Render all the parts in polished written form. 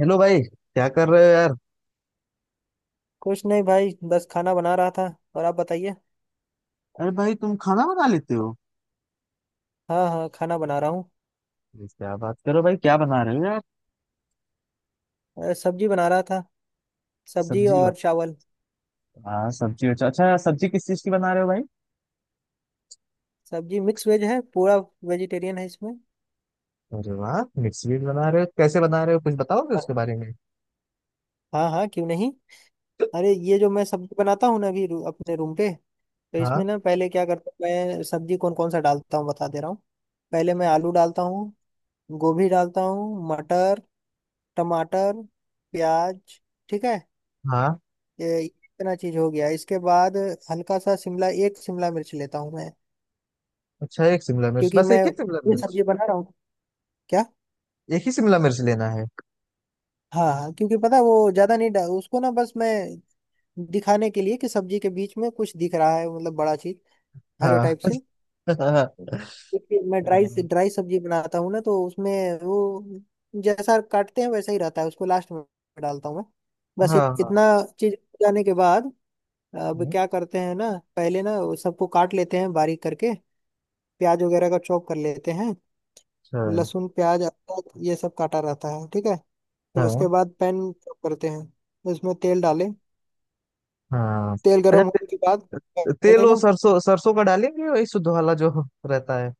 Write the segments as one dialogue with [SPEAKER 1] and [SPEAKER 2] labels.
[SPEAKER 1] Hello भाई, क्या कर रहे हो यार?
[SPEAKER 2] कुछ नहीं भाई बस खाना बना रहा था। और आप बताइए।
[SPEAKER 1] अरे भाई, तुम खाना बना लेते हो?
[SPEAKER 2] हाँ हाँ खाना बना रहा हूँ।
[SPEAKER 1] अरे क्या बात करो भाई, क्या बना रहे हो यार?
[SPEAKER 2] सब्जी बना रहा था। सब्जी
[SPEAKER 1] सब्जी बा
[SPEAKER 2] और चावल।
[SPEAKER 1] हाँ सब्जी। अच्छा अच्छा, सब्जी किस चीज की बना रहे हो भाई?
[SPEAKER 2] सब्जी मिक्स वेज है पूरा। वेजिटेरियन है इसमें।
[SPEAKER 1] अरे वाह, मिर्च भी बना रहे हो। कैसे बना रहे हो, कुछ बताओगे उसके बारे में?
[SPEAKER 2] हाँ हाँ क्यों नहीं। अरे ये जो मैं सब्जी बनाता हूँ ना अभी अपने रूम पे, तो इसमें
[SPEAKER 1] हाँ
[SPEAKER 2] ना पहले क्या करता हूँ, मैं सब्जी कौन कौन सा डालता हूँ बता दे रहा हूँ। पहले मैं आलू डालता हूँ। गोभी डालता हूँ, मटर, टमाटर, प्याज। ठीक है।
[SPEAKER 1] हाँ।
[SPEAKER 2] ये इतना चीज हो गया, इसके बाद हल्का सा शिमला, एक शिमला मिर्च लेता हूँ मैं।
[SPEAKER 1] अच्छा एक शिमला मिर्च,
[SPEAKER 2] क्योंकि
[SPEAKER 1] बस
[SPEAKER 2] मैं
[SPEAKER 1] एक ही शिमला
[SPEAKER 2] ये
[SPEAKER 1] मिर्च?
[SPEAKER 2] सब्जी बना रहा हूँ। क्या?
[SPEAKER 1] एक ही शिमला मिर्च लेना है?
[SPEAKER 2] हाँ हाँ, क्योंकि पता है, वो ज्यादा नहीं उसको ना बस मैं दिखाने के लिए कि सब्जी के बीच में कुछ दिख रहा है, मतलब बड़ा चीज, हरे
[SPEAKER 1] हाँ
[SPEAKER 2] टाइप से।
[SPEAKER 1] हाँ।
[SPEAKER 2] क्योंकि मैं ड्राई ड्राई सब्जी बनाता हूँ ना तो उसमें वो जैसा काटते हैं वैसा ही रहता है, उसको लास्ट में डालता हूँ मैं।
[SPEAKER 1] हाँ।
[SPEAKER 2] बस इतना
[SPEAKER 1] हाँ
[SPEAKER 2] चीज जाने के बाद अब क्या करते हैं ना, पहले ना वो सबको काट लेते हैं बारीक करके, प्याज वगैरह का चॉप कर लेते हैं।
[SPEAKER 1] अच्छा।
[SPEAKER 2] लहसुन प्याज अदरक ये सब काटा रहता है, ठीक है। फिर उसके
[SPEAKER 1] हाँ
[SPEAKER 2] बाद पैन चॉप करते हैं, उसमें तेल डालें।
[SPEAKER 1] हाँ।
[SPEAKER 2] तेल गर्म होने के बाद
[SPEAKER 1] तेल
[SPEAKER 2] पहले
[SPEAKER 1] वो
[SPEAKER 2] ना
[SPEAKER 1] सरसों सरसों का डालेंगे, वही शुद्ध वाला जो रहता है।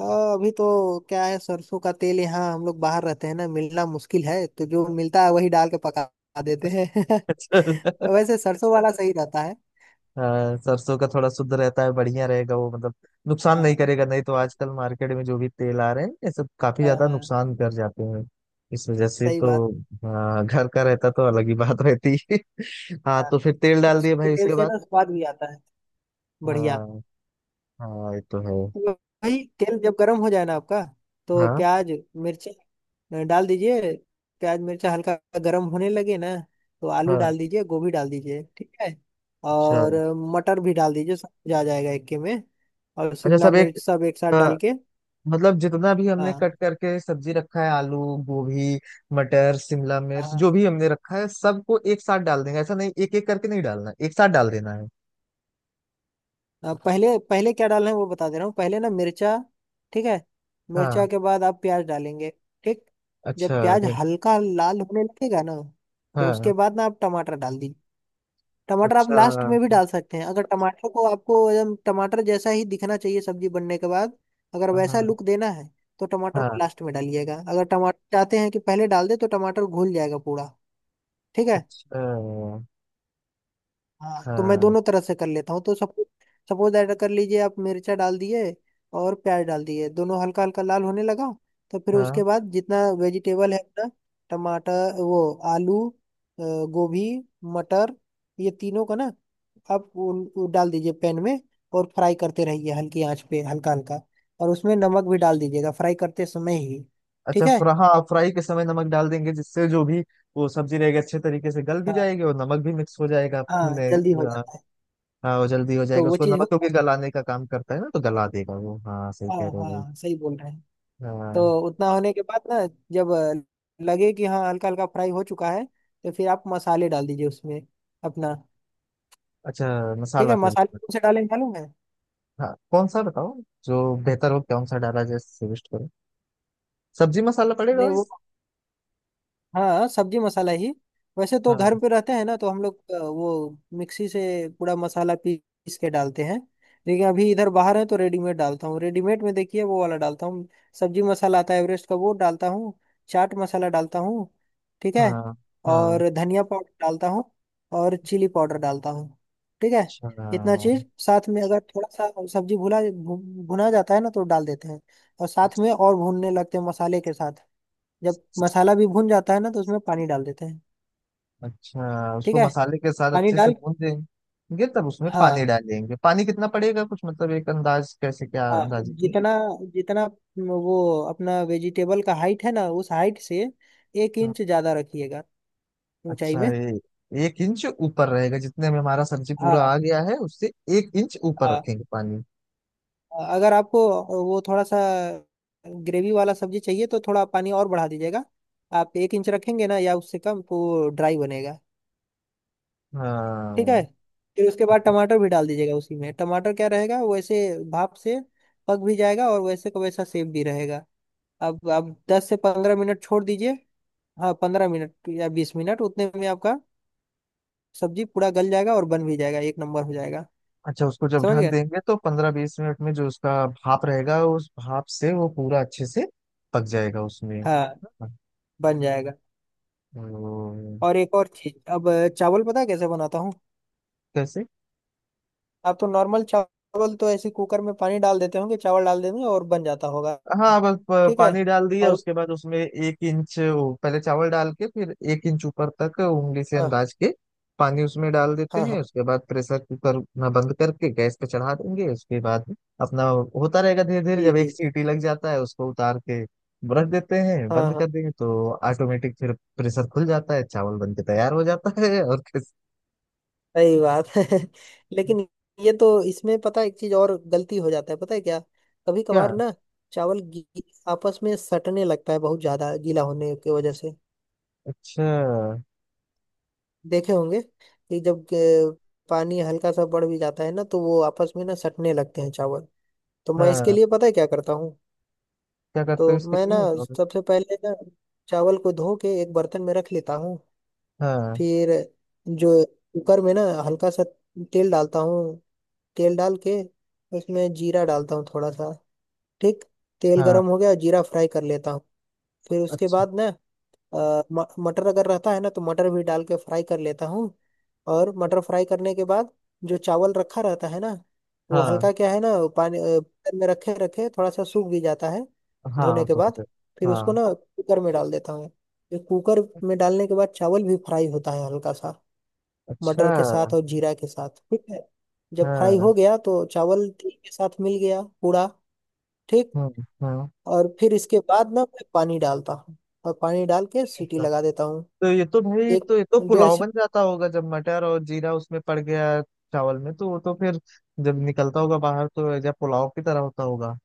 [SPEAKER 2] आ, अभी तो क्या है, सरसों का तेल यहाँ हम लोग बाहर रहते हैं ना मिलना मुश्किल है, तो जो मिलता है वही डाल के पका देते हैं।
[SPEAKER 1] अच्छा
[SPEAKER 2] वैसे सरसों वाला सही रहता है।
[SPEAKER 1] हाँ, सरसों का थोड़ा शुद्ध रहता है, बढ़िया रहेगा वो मतलब। नुकसान नहीं
[SPEAKER 2] हाँ
[SPEAKER 1] करेगा, नहीं तो आजकल मार्केट में जो भी तेल आ रहे हैं ये सब काफी
[SPEAKER 2] हाँ
[SPEAKER 1] ज्यादा
[SPEAKER 2] हाँ,
[SPEAKER 1] नुकसान कर जाते हैं। इस वजह से
[SPEAKER 2] सही
[SPEAKER 1] तो।
[SPEAKER 2] बात।
[SPEAKER 1] हाँ, घर का रहता तो अलग ही बात रहती है। हाँ,
[SPEAKER 2] हाँ
[SPEAKER 1] तो फिर तेल डाल दिए
[SPEAKER 2] सरसों
[SPEAKER 1] भाई,
[SPEAKER 2] के तेल
[SPEAKER 1] उसके
[SPEAKER 2] से
[SPEAKER 1] बाद?
[SPEAKER 2] ना स्वाद भी आता है बढ़िया।
[SPEAKER 1] हाँ। हाँ ये तो है।
[SPEAKER 2] तो भाई तेल जब गर्म हो जाए ना आपका, तो
[SPEAKER 1] हाँ
[SPEAKER 2] प्याज, मिर्ची, डाल दीजिए। प्याज मिर्चा हल्का गर्म होने लगे ना तो आलू
[SPEAKER 1] हाँ।
[SPEAKER 2] डाल दीजिए, गोभी डाल दीजिए, ठीक है।
[SPEAKER 1] अच्छा।
[SPEAKER 2] और मटर भी डाल दीजिए, सब कुछ आ जाएगा इक्के में। और
[SPEAKER 1] अच्छा
[SPEAKER 2] शिमला
[SPEAKER 1] सब एक
[SPEAKER 2] मिर्च सब एक साथ डाल
[SPEAKER 1] अ,
[SPEAKER 2] के।
[SPEAKER 1] मतलब जितना भी हमने
[SPEAKER 2] हाँ
[SPEAKER 1] कट करके सब्जी रखा है, आलू, गोभी, मटर, शिमला मिर्च,
[SPEAKER 2] हाँ,
[SPEAKER 1] जो भी हमने रखा है, सबको एक साथ डाल देंगे? ऐसा नहीं एक एक करके नहीं डालना, एक साथ डाल देना है?
[SPEAKER 2] पहले पहले क्या डालना है वो बता दे रहा हूँ, पहले ना मिर्चा, ठीक है। मिर्चा
[SPEAKER 1] हाँ।
[SPEAKER 2] के बाद आप प्याज डालेंगे, ठीक।
[SPEAKER 1] अच्छा।
[SPEAKER 2] जब प्याज
[SPEAKER 1] वे-
[SPEAKER 2] हल्का लाल होने लगेगा ना, तो
[SPEAKER 1] हाँ।
[SPEAKER 2] उसके बाद ना आप टमाटर डाल दीजिए। टमाटर आप
[SPEAKER 1] अच्छा।
[SPEAKER 2] लास्ट में भी डाल सकते हैं, अगर टमाटर को आपको एकदम टमाटर जैसा ही दिखना चाहिए सब्जी बनने के बाद, अगर
[SPEAKER 1] हाँ
[SPEAKER 2] वैसा
[SPEAKER 1] हाँ।
[SPEAKER 2] लुक देना है, तो टमाटर को लास्ट में डालिएगा। अगर टमाटर चाहते हैं कि पहले डाल दे तो टमाटर घुल जाएगा पूरा, ठीक है।
[SPEAKER 1] अच्छा।
[SPEAKER 2] हाँ तो मैं
[SPEAKER 1] हाँ
[SPEAKER 2] दोनों तरह से कर लेता हूँ, तो सब सपोज ऐड कर लीजिए, आप मिर्चा डाल दिए और प्याज डाल दिए, दोनों हल्का हल्का लाल होने लगा, तो फिर उसके
[SPEAKER 1] हाँ।
[SPEAKER 2] बाद जितना वेजिटेबल है अपना, टमाटर, वो, आलू, गोभी, मटर, ये तीनों का ना आप वो डाल दीजिए पैन में। और फ्राई करते रहिए हल्की आंच पे हल्का हल्का, और उसमें नमक भी डाल दीजिएगा फ्राई करते समय ही, ठीक है।
[SPEAKER 1] हाँ फ्राई के समय नमक डाल देंगे, जिससे जो भी वो सब्जी रहेगी अच्छे तरीके से गल भी
[SPEAKER 2] हाँ
[SPEAKER 1] जाएगी और नमक भी मिक्स हो जाएगा
[SPEAKER 2] हाँ,
[SPEAKER 1] अपने।
[SPEAKER 2] जल्दी हो
[SPEAKER 1] हाँ
[SPEAKER 2] जाता है।
[SPEAKER 1] हाँ, वो जल्दी हो
[SPEAKER 2] तो
[SPEAKER 1] जाएगा,
[SPEAKER 2] वो
[SPEAKER 1] उसको
[SPEAKER 2] चीज़ हो,
[SPEAKER 1] नमक क्योंकि गलाने का काम करता है ना, तो गला देगा वो। हाँ सही
[SPEAKER 2] हाँ
[SPEAKER 1] कह रहे हो भाई।
[SPEAKER 2] हाँ सही बोल रहे हैं। तो
[SPEAKER 1] हाँ।
[SPEAKER 2] उतना होने के बाद ना, जब लगे कि हाँ हल्का हल्का फ्राई हो चुका है, तो फिर आप मसाले डाल दीजिए उसमें अपना,
[SPEAKER 1] अच्छा,
[SPEAKER 2] ठीक
[SPEAKER 1] मसाला
[SPEAKER 2] है।
[SPEAKER 1] फिर
[SPEAKER 2] मसाले
[SPEAKER 1] उसमें?
[SPEAKER 2] कौन से डालें मालूम है?
[SPEAKER 1] हाँ कौन सा बताओ, जो बेहतर हो कौन सा डाला जाए सजेस्ट करो। सब्जी मसाला पड़ेगा
[SPEAKER 2] अरे
[SPEAKER 1] भाई?
[SPEAKER 2] वो, हाँ सब्जी मसाला ही। वैसे तो
[SPEAKER 1] हाँ।
[SPEAKER 2] घर पे रहते हैं ना तो हम लोग वो मिक्सी से पूरा मसाला पीस के डालते हैं। लेकिन अभी इधर बाहर है तो रेडीमेड डालता हूँ, रेडीमेड में देखिए वो वाला डालता हूँ। सब्जी मसाला आता है एवरेस्ट का, वो डालता हूँ। चाट मसाला डालता हूँ, ठीक है।
[SPEAKER 1] हाँ। हाँ।
[SPEAKER 2] और धनिया पाउडर डालता हूँ, और चिली पाउडर डालता हूँ, ठीक है।
[SPEAKER 1] अच्छा
[SPEAKER 2] इतना चीज साथ में, अगर थोड़ा सा सब्जी भुना जाता है ना तो डाल देते हैं, और साथ में और भूनने लगते हैं मसाले के साथ। जब मसाला भी भून जाता है ना तो उसमें पानी डाल देते हैं,
[SPEAKER 1] अच्छा,
[SPEAKER 2] ठीक
[SPEAKER 1] उसको
[SPEAKER 2] है।
[SPEAKER 1] मसाले के साथ
[SPEAKER 2] पानी
[SPEAKER 1] अच्छे से
[SPEAKER 2] डाल,
[SPEAKER 1] भून देंगे, तब उसमें पानी
[SPEAKER 2] हाँ
[SPEAKER 1] डालेंगे। पानी कितना पड़ेगा, कुछ मतलब एक अंदाज कैसे, क्या
[SPEAKER 2] हाँ,
[SPEAKER 1] अंदाजे की?
[SPEAKER 2] जितना जितना वो अपना वेजिटेबल का हाइट है ना, उस हाइट से एक
[SPEAKER 1] हाँ,
[SPEAKER 2] इंच ज्यादा रखिएगा, ऊंचाई
[SPEAKER 1] अच्छा
[SPEAKER 2] में।
[SPEAKER 1] ये एक इंच ऊपर रहेगा, जितने में हमारा सब्जी पूरा आ
[SPEAKER 2] हाँ
[SPEAKER 1] गया है उससे एक इंच ऊपर
[SPEAKER 2] हाँ,
[SPEAKER 1] रखेंगे पानी?
[SPEAKER 2] अगर आपको वो थोड़ा सा ग्रेवी वाला सब्जी चाहिए तो थोड़ा पानी और बढ़ा दीजिएगा। आप एक इंच रखेंगे ना या उससे कम तो ड्राई बनेगा, ठीक
[SPEAKER 1] हाँ।
[SPEAKER 2] है। फिर उसके बाद
[SPEAKER 1] हाँ।
[SPEAKER 2] टमाटर भी डाल दीजिएगा उसी में, टमाटर क्या रहेगा वैसे, भाप से पक भी जाएगा और वैसे का वैसा सेफ भी रहेगा। अब दस से पंद्रह मिनट छोड़ दीजिए। हाँ पंद्रह मिनट या बीस मिनट, उतने में आपका सब्जी पूरा गल जाएगा और बन भी जाएगा, एक नंबर हो जाएगा।
[SPEAKER 1] अच्छा, उसको जब
[SPEAKER 2] समझ
[SPEAKER 1] ढक
[SPEAKER 2] गए।
[SPEAKER 1] देंगे तो पंद्रह बीस मिनट में जो उसका भाप रहेगा, उस भाप से वो पूरा अच्छे से पक जाएगा उसमें।
[SPEAKER 2] हाँ
[SPEAKER 1] हाँ,
[SPEAKER 2] बन जाएगा।
[SPEAKER 1] तो
[SPEAKER 2] और एक और चीज, अब चावल पता है कैसे बनाता हूँ?
[SPEAKER 1] कैसे?
[SPEAKER 2] आप तो नॉर्मल चावल तो ऐसे कुकर में पानी डाल देते होंगे, चावल डाल देंगे और बन जाता होगा,
[SPEAKER 1] हाँ,
[SPEAKER 2] ठीक है।
[SPEAKER 1] पानी डाल दिया
[SPEAKER 2] और।
[SPEAKER 1] उसके बाद, उसमें एक इंच, वो पहले चावल डाल के फिर एक इंच ऊपर तक उंगली से
[SPEAKER 2] हाँ
[SPEAKER 1] अंदाज के पानी उसमें डाल देते
[SPEAKER 2] हाँ।
[SPEAKER 1] हैं।
[SPEAKER 2] हाँ।
[SPEAKER 1] उसके बाद प्रेशर कुकर ना बंद करके गैस पे चढ़ा देंगे। उसके बाद अपना होता रहेगा धीरे धीरे,
[SPEAKER 2] जी
[SPEAKER 1] जब एक
[SPEAKER 2] जी।
[SPEAKER 1] सीटी लग जाता है उसको उतार के रख देते हैं,
[SPEAKER 2] हाँ
[SPEAKER 1] बंद
[SPEAKER 2] हाँ,
[SPEAKER 1] कर देंगे तो ऑटोमेटिक फिर प्रेशर खुल जाता है, चावल बन के तैयार हो जाता है। और किस?
[SPEAKER 2] सही बात है। लेकिन ये तो इसमें पता है, एक चीज और गलती हो जाता है, पता है क्या? कभी
[SPEAKER 1] क्या?
[SPEAKER 2] कभार ना चावल गी- आपस में सटने लगता है, बहुत ज्यादा गीला होने की वजह से।
[SPEAKER 1] अच्छा।
[SPEAKER 2] देखे होंगे कि जब पानी हल्का सा बढ़ भी जाता है ना तो वो आपस में ना सटने लगते हैं चावल। तो मैं इसके
[SPEAKER 1] हाँ,
[SPEAKER 2] लिए पता है क्या करता हूँ,
[SPEAKER 1] क्या करते हो
[SPEAKER 2] तो
[SPEAKER 1] इसके
[SPEAKER 2] मैं ना
[SPEAKER 1] लिए
[SPEAKER 2] सबसे पहले ना चावल को धो के एक बर्तन में रख लेता हूँ।
[SPEAKER 1] हाँ।
[SPEAKER 2] फिर जो कुकर में ना हल्का सा तेल डालता हूँ, तेल डाल के उसमें जीरा डालता हूँ थोड़ा सा, ठीक। तेल गरम
[SPEAKER 1] हाँ।
[SPEAKER 2] हो गया, जीरा फ्राई कर लेता हूँ। फिर उसके
[SPEAKER 1] अच्छा।
[SPEAKER 2] बाद ना मटर अगर रहता है ना तो मटर भी डाल के फ्राई कर लेता हूँ। और मटर फ्राई करने के बाद जो चावल रखा रहता है ना, वो
[SPEAKER 1] हाँ।
[SPEAKER 2] हल्का क्या है ना, पानी कुकर में रखे रखे थोड़ा सा सूख भी जाता है धोने
[SPEAKER 1] हाँ
[SPEAKER 2] के
[SPEAKER 1] तुम
[SPEAKER 2] बाद।
[SPEAKER 1] से
[SPEAKER 2] फिर उसको
[SPEAKER 1] हाँ।
[SPEAKER 2] ना कुकर में डाल देता हूँ। ये कुकर में डालने के बाद चावल भी फ्राई होता है हल्का सा,
[SPEAKER 1] अच्छा।
[SPEAKER 2] मटर के साथ और जीरा के साथ, ठीक है। जब फ्राई
[SPEAKER 1] हाँ।
[SPEAKER 2] हो गया तो चावल ठीक के साथ मिल गया पूरा, ठीक।
[SPEAKER 1] हम्म।
[SPEAKER 2] और फिर इसके बाद ना मैं पानी डालता हूँ, और पानी डाल के सीटी
[SPEAKER 1] अच्छा।
[SPEAKER 2] लगा देता हूँ,
[SPEAKER 1] तो ये तो भाई,
[SPEAKER 2] एक
[SPEAKER 1] तो ये तो
[SPEAKER 2] डेढ़
[SPEAKER 1] पुलाव
[SPEAKER 2] सी।
[SPEAKER 1] बन जाता होगा, जब मटर और जीरा उसमें पड़ गया चावल में, तो वो तो फिर जब निकलता होगा बाहर तो या पुलाव की तरह होता होगा।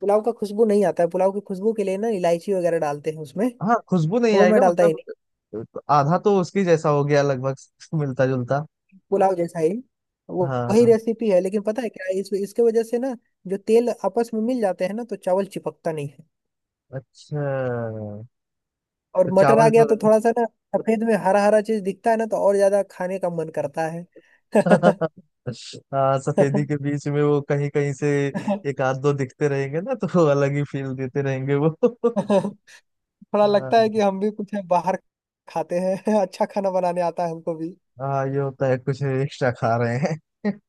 [SPEAKER 2] पुलाव का खुशबू नहीं आता है, पुलाव की खुशबू के लिए ना इलायची वगैरह डालते हैं उसमें,
[SPEAKER 1] हाँ खुशबू नहीं
[SPEAKER 2] वो मैं
[SPEAKER 1] आएगा
[SPEAKER 2] डालता ही
[SPEAKER 1] मतलब?
[SPEAKER 2] नहीं।
[SPEAKER 1] तो आधा तो उसकी जैसा हो गया लगभग मिलता जुलता।
[SPEAKER 2] पुलाव जैसा ही, वो वही
[SPEAKER 1] हाँ।
[SPEAKER 2] रेसिपी है, लेकिन पता है क्या, इस इसके वजह से ना जो तेल आपस में मिल जाते हैं ना तो चावल चिपकता नहीं है।
[SPEAKER 1] अच्छा।
[SPEAKER 2] और
[SPEAKER 1] तो
[SPEAKER 2] मटर आ
[SPEAKER 1] चावल
[SPEAKER 2] गया
[SPEAKER 1] जो
[SPEAKER 2] तो थोड़ा सा ना, सफेद में हरा हरा चीज दिखता है ना, तो और ज्यादा खाने का मन करता है।
[SPEAKER 1] हाँ, सफेदी के बीच में वो कहीं कहीं से एक आध दो दिखते रहेंगे ना, तो वो अलग ही फील देते रहेंगे वो।
[SPEAKER 2] थोड़ा लगता है
[SPEAKER 1] हाँ।
[SPEAKER 2] कि हम भी कुछ बाहर खाते हैं। अच्छा खाना बनाने आता है हमको भी।
[SPEAKER 1] हाँ, ये होता है कुछ एक्स्ट्रा खा रहे हैं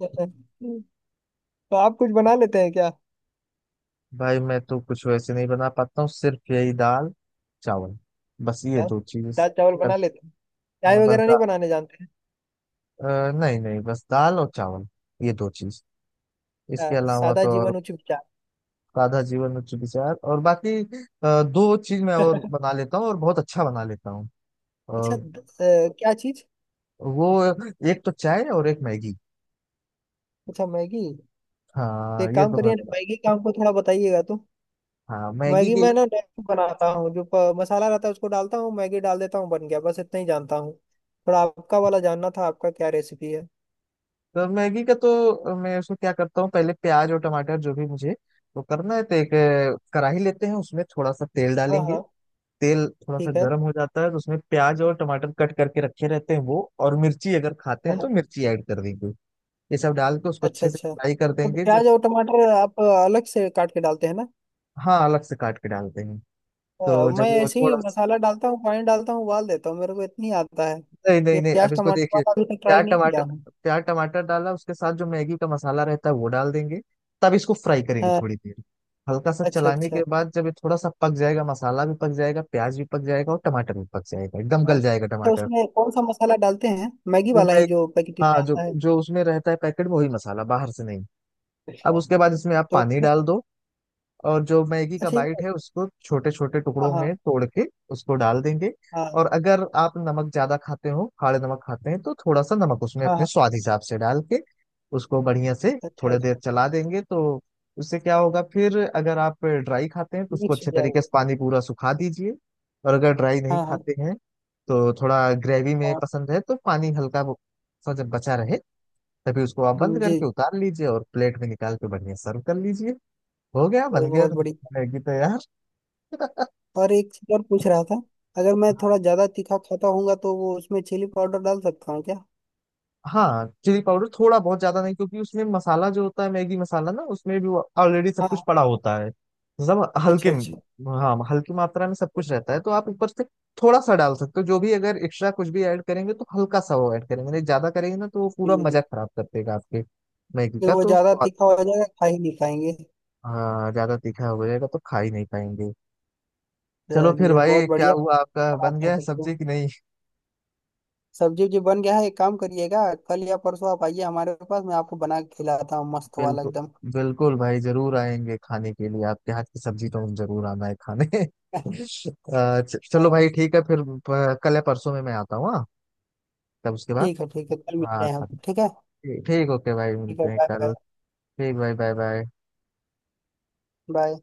[SPEAKER 2] तो आप कुछ बना लेते हैं क्या?
[SPEAKER 1] भाई मैं तो कुछ वैसे नहीं बना पाता हूँ, सिर्फ यही दाल, चावल। बस ये
[SPEAKER 2] हाँ,
[SPEAKER 1] दो चीज।
[SPEAKER 2] दाल चावल बना लेते हैं, चाय
[SPEAKER 1] हाँ बस
[SPEAKER 2] वगैरह नहीं
[SPEAKER 1] दा,
[SPEAKER 2] बनाने जानते हैं।
[SPEAKER 1] नहीं नहीं, बस दाल और चावल, ये दो चीज।
[SPEAKER 2] हाँ,
[SPEAKER 1] इसके अलावा
[SPEAKER 2] सादा
[SPEAKER 1] तो और?
[SPEAKER 2] जीवन उच्च विचार।
[SPEAKER 1] सादा जीवन उच्च विचार और बाकी दो चीज मैं और बना लेता हूँ, और बहुत अच्छा बना लेता हूँ।
[SPEAKER 2] अच्छा,
[SPEAKER 1] और
[SPEAKER 2] क्या चीज?
[SPEAKER 1] वो, एक तो चाय और एक मैगी।
[SPEAKER 2] अच्छा मैगी। तो
[SPEAKER 1] हाँ
[SPEAKER 2] एक
[SPEAKER 1] ये
[SPEAKER 2] काम
[SPEAKER 1] तो मैं
[SPEAKER 2] करिए ना,
[SPEAKER 1] बता।
[SPEAKER 2] मैगी का हमको थोड़ा बताइएगा तो।
[SPEAKER 1] हाँ, मैगी
[SPEAKER 2] मैगी
[SPEAKER 1] के
[SPEAKER 2] मैं
[SPEAKER 1] लिए
[SPEAKER 2] ना नहीं बनाता हूँ, जो मसाला रहता है उसको डालता हूँ, मैगी डाल देता हूँ, बन गया, बस इतना ही जानता हूँ। थोड़ा आपका वाला जानना था, आपका क्या रेसिपी है?
[SPEAKER 1] तो मैगी का, तो मैं उसको क्या करता हूँ, पहले प्याज और टमाटर जो भी मुझे वो करना है, तो एक कढ़ाई लेते हैं, उसमें थोड़ा सा तेल
[SPEAKER 2] हाँ
[SPEAKER 1] डालेंगे।
[SPEAKER 2] हाँ
[SPEAKER 1] तेल थोड़ा सा
[SPEAKER 2] ठीक है।
[SPEAKER 1] गर्म हो जाता है तो उसमें प्याज और टमाटर कट करके रखे रहते हैं वो, और मिर्ची अगर खाते
[SPEAKER 2] हाँ,
[SPEAKER 1] हैं तो
[SPEAKER 2] हाँ,
[SPEAKER 1] मिर्ची ऐड कर देंगे। ये सब डाल के उसको
[SPEAKER 2] अच्छा
[SPEAKER 1] अच्छे से
[SPEAKER 2] अच्छा,
[SPEAKER 1] फ्राई कर
[SPEAKER 2] तो
[SPEAKER 1] देंगे। जब
[SPEAKER 2] प्याज और टमाटर आप अलग से काट के डालते हैं ना।
[SPEAKER 1] हाँ, अलग से काट के डालते हैं। तो
[SPEAKER 2] मैं
[SPEAKER 1] जब वो
[SPEAKER 2] ऐसे ही
[SPEAKER 1] थोड़ा,
[SPEAKER 2] मसाला डालता हूँ, पानी डालता हूँ उबाल देता हूँ, मेरे को इतनी आता है।
[SPEAKER 1] नहीं नहीं
[SPEAKER 2] ये
[SPEAKER 1] नहीं, अब
[SPEAKER 2] प्याज
[SPEAKER 1] इसको
[SPEAKER 2] टमाटर
[SPEAKER 1] देखिए,
[SPEAKER 2] वाला अभी तक ट्राई
[SPEAKER 1] प्याज
[SPEAKER 2] नहीं किया
[SPEAKER 1] टमाटर,
[SPEAKER 2] हूँ।
[SPEAKER 1] प्याज टमाटर डाला उसके साथ जो मैगी का मसाला रहता है वो डाल देंगे। तब इसको फ्राई करेंगे
[SPEAKER 2] हाँ
[SPEAKER 1] थोड़ी देर, हल्का सा
[SPEAKER 2] अच्छा
[SPEAKER 1] चलाने
[SPEAKER 2] अच्छा।
[SPEAKER 1] के बाद जब ये थोड़ा सा पक जाएगा, मसाला भी पक जाएगा, प्याज भी पक जाएगा और टमाटर भी पक जाएगा, एकदम
[SPEAKER 2] हाँ।
[SPEAKER 1] गल जाएगा
[SPEAKER 2] तो
[SPEAKER 1] टमाटर।
[SPEAKER 2] उसमें कौन सा मसाला डालते हैं, मैगी
[SPEAKER 1] वो
[SPEAKER 2] वाला
[SPEAKER 1] मैं
[SPEAKER 2] ही जो पैकेट में
[SPEAKER 1] हाँ, जो
[SPEAKER 2] आता है?
[SPEAKER 1] जो उसमें रहता है पैकेट में वही मसाला, बाहर से नहीं। अब
[SPEAKER 2] हाँ,
[SPEAKER 1] उसके बाद इसमें आप
[SPEAKER 2] तो
[SPEAKER 1] पानी
[SPEAKER 2] उसमें,
[SPEAKER 1] डाल दो, और जो मैगी का
[SPEAKER 2] अच्छा
[SPEAKER 1] बाइट
[SPEAKER 2] ये-
[SPEAKER 1] है उसको छोटे छोटे
[SPEAKER 2] हाँ
[SPEAKER 1] टुकड़ों में
[SPEAKER 2] हाँ।
[SPEAKER 1] तोड़ के उसको डाल देंगे।
[SPEAKER 2] हाँ
[SPEAKER 1] और अगर आप नमक ज्यादा खाते हो, खाड़े नमक खाते हैं, तो थोड़ा सा नमक उसमें
[SPEAKER 2] हाँ
[SPEAKER 1] अपने
[SPEAKER 2] हाँ।
[SPEAKER 1] स्वाद हिसाब से डाल के उसको बढ़िया से
[SPEAKER 2] अच्छा
[SPEAKER 1] थोड़ी देर
[SPEAKER 2] अच्छा,
[SPEAKER 1] चला देंगे, तो उससे क्या होगा, फिर अगर आप ड्राई खाते हैं तो उसको
[SPEAKER 2] मिक्स हो
[SPEAKER 1] अच्छे तरीके
[SPEAKER 2] जाएगा।
[SPEAKER 1] से पानी पूरा सुखा दीजिए, और अगर ड्राई नहीं
[SPEAKER 2] हाँ हाँ
[SPEAKER 1] खाते हैं तो थोड़ा ग्रेवी में
[SPEAKER 2] हाँ,
[SPEAKER 1] पसंद है तो पानी हल्का सा जब बचा रहे, तभी उसको आप बंद
[SPEAKER 2] जी।
[SPEAKER 1] करके उतार लीजिए और प्लेट में निकाल के बढ़िया सर्व कर लीजिए। हो गया,
[SPEAKER 2] ये
[SPEAKER 1] बन गया
[SPEAKER 2] बहुत बढ़िया।
[SPEAKER 1] मैगी तो यार।
[SPEAKER 2] और एक चीज और पूछ रहा था, अगर मैं
[SPEAKER 1] हाँ।
[SPEAKER 2] थोड़ा ज्यादा तीखा खाता हूँ तो वो उसमें चिली पाउडर डाल सकता हूँ क्या?
[SPEAKER 1] हाँ, चिली पाउडर थोड़ा, बहुत ज्यादा नहीं, क्योंकि उसमें मसाला जो होता है मैगी मसाला ना उसमें भी ऑलरेडी सब
[SPEAKER 2] हाँ
[SPEAKER 1] कुछ
[SPEAKER 2] हाँ,
[SPEAKER 1] पड़ा होता है। सब हल्के,
[SPEAKER 2] अच्छा अच्छा।
[SPEAKER 1] हाँ हल्की मात्रा में सब कुछ रहता है, तो आप ऊपर से थोड़ा सा डाल सकते हो। जो भी अगर एक्स्ट्रा कुछ भी ऐड करेंगे तो हल्का सा वो ऐड करेंगे, नहीं ज्यादा करेंगे ना तो वो पूरा
[SPEAKER 2] जी,
[SPEAKER 1] मजा
[SPEAKER 2] जी।
[SPEAKER 1] खराब कर देगा आपके मैगी
[SPEAKER 2] फिर
[SPEAKER 1] का
[SPEAKER 2] वो
[SPEAKER 1] तो
[SPEAKER 2] ज्यादा
[SPEAKER 1] स्वाद।
[SPEAKER 2] तीखा हो जाएगा, खा ही नहीं पाएंगे।
[SPEAKER 1] हाँ ज्यादा तीखा हो जाएगा तो खा ही नहीं पाएंगे। चलो फिर
[SPEAKER 2] चलिए, बहुत
[SPEAKER 1] भाई, क्या
[SPEAKER 2] बढ़िया।
[SPEAKER 1] हुआ आपका, बन
[SPEAKER 2] बनाते
[SPEAKER 1] गया
[SPEAKER 2] हैं
[SPEAKER 1] है
[SPEAKER 2] तब तो।
[SPEAKER 1] सब्जी कि नहीं?
[SPEAKER 2] सब्जी जी बन गया है, एक काम करिएगा, कल या परसों आप आइए हमारे पास, मैं आपको बना के खिलाता हूँ मस्त वाला
[SPEAKER 1] बिल्कुल,
[SPEAKER 2] एकदम।
[SPEAKER 1] बिल्कुल भाई जरूर आएंगे खाने के लिए आपके हाथ की सब्जी तो, हम जरूर आना है खाने चलो
[SPEAKER 2] हाँ,
[SPEAKER 1] भाई ठीक है फिर, कल या परसों में मैं आता हूँ। हाँ तब उसके बाद।
[SPEAKER 2] ठीक है, ठीक है, कल मिलते
[SPEAKER 1] हाँ
[SPEAKER 2] हैं हम, ठीक है।
[SPEAKER 1] ठीक, ठीक ओके भाई,
[SPEAKER 2] ठीक है,
[SPEAKER 1] मिलते हैं
[SPEAKER 2] बाय बाय।
[SPEAKER 1] कल। ठीक भाई, बाय बाय।
[SPEAKER 2] बाय।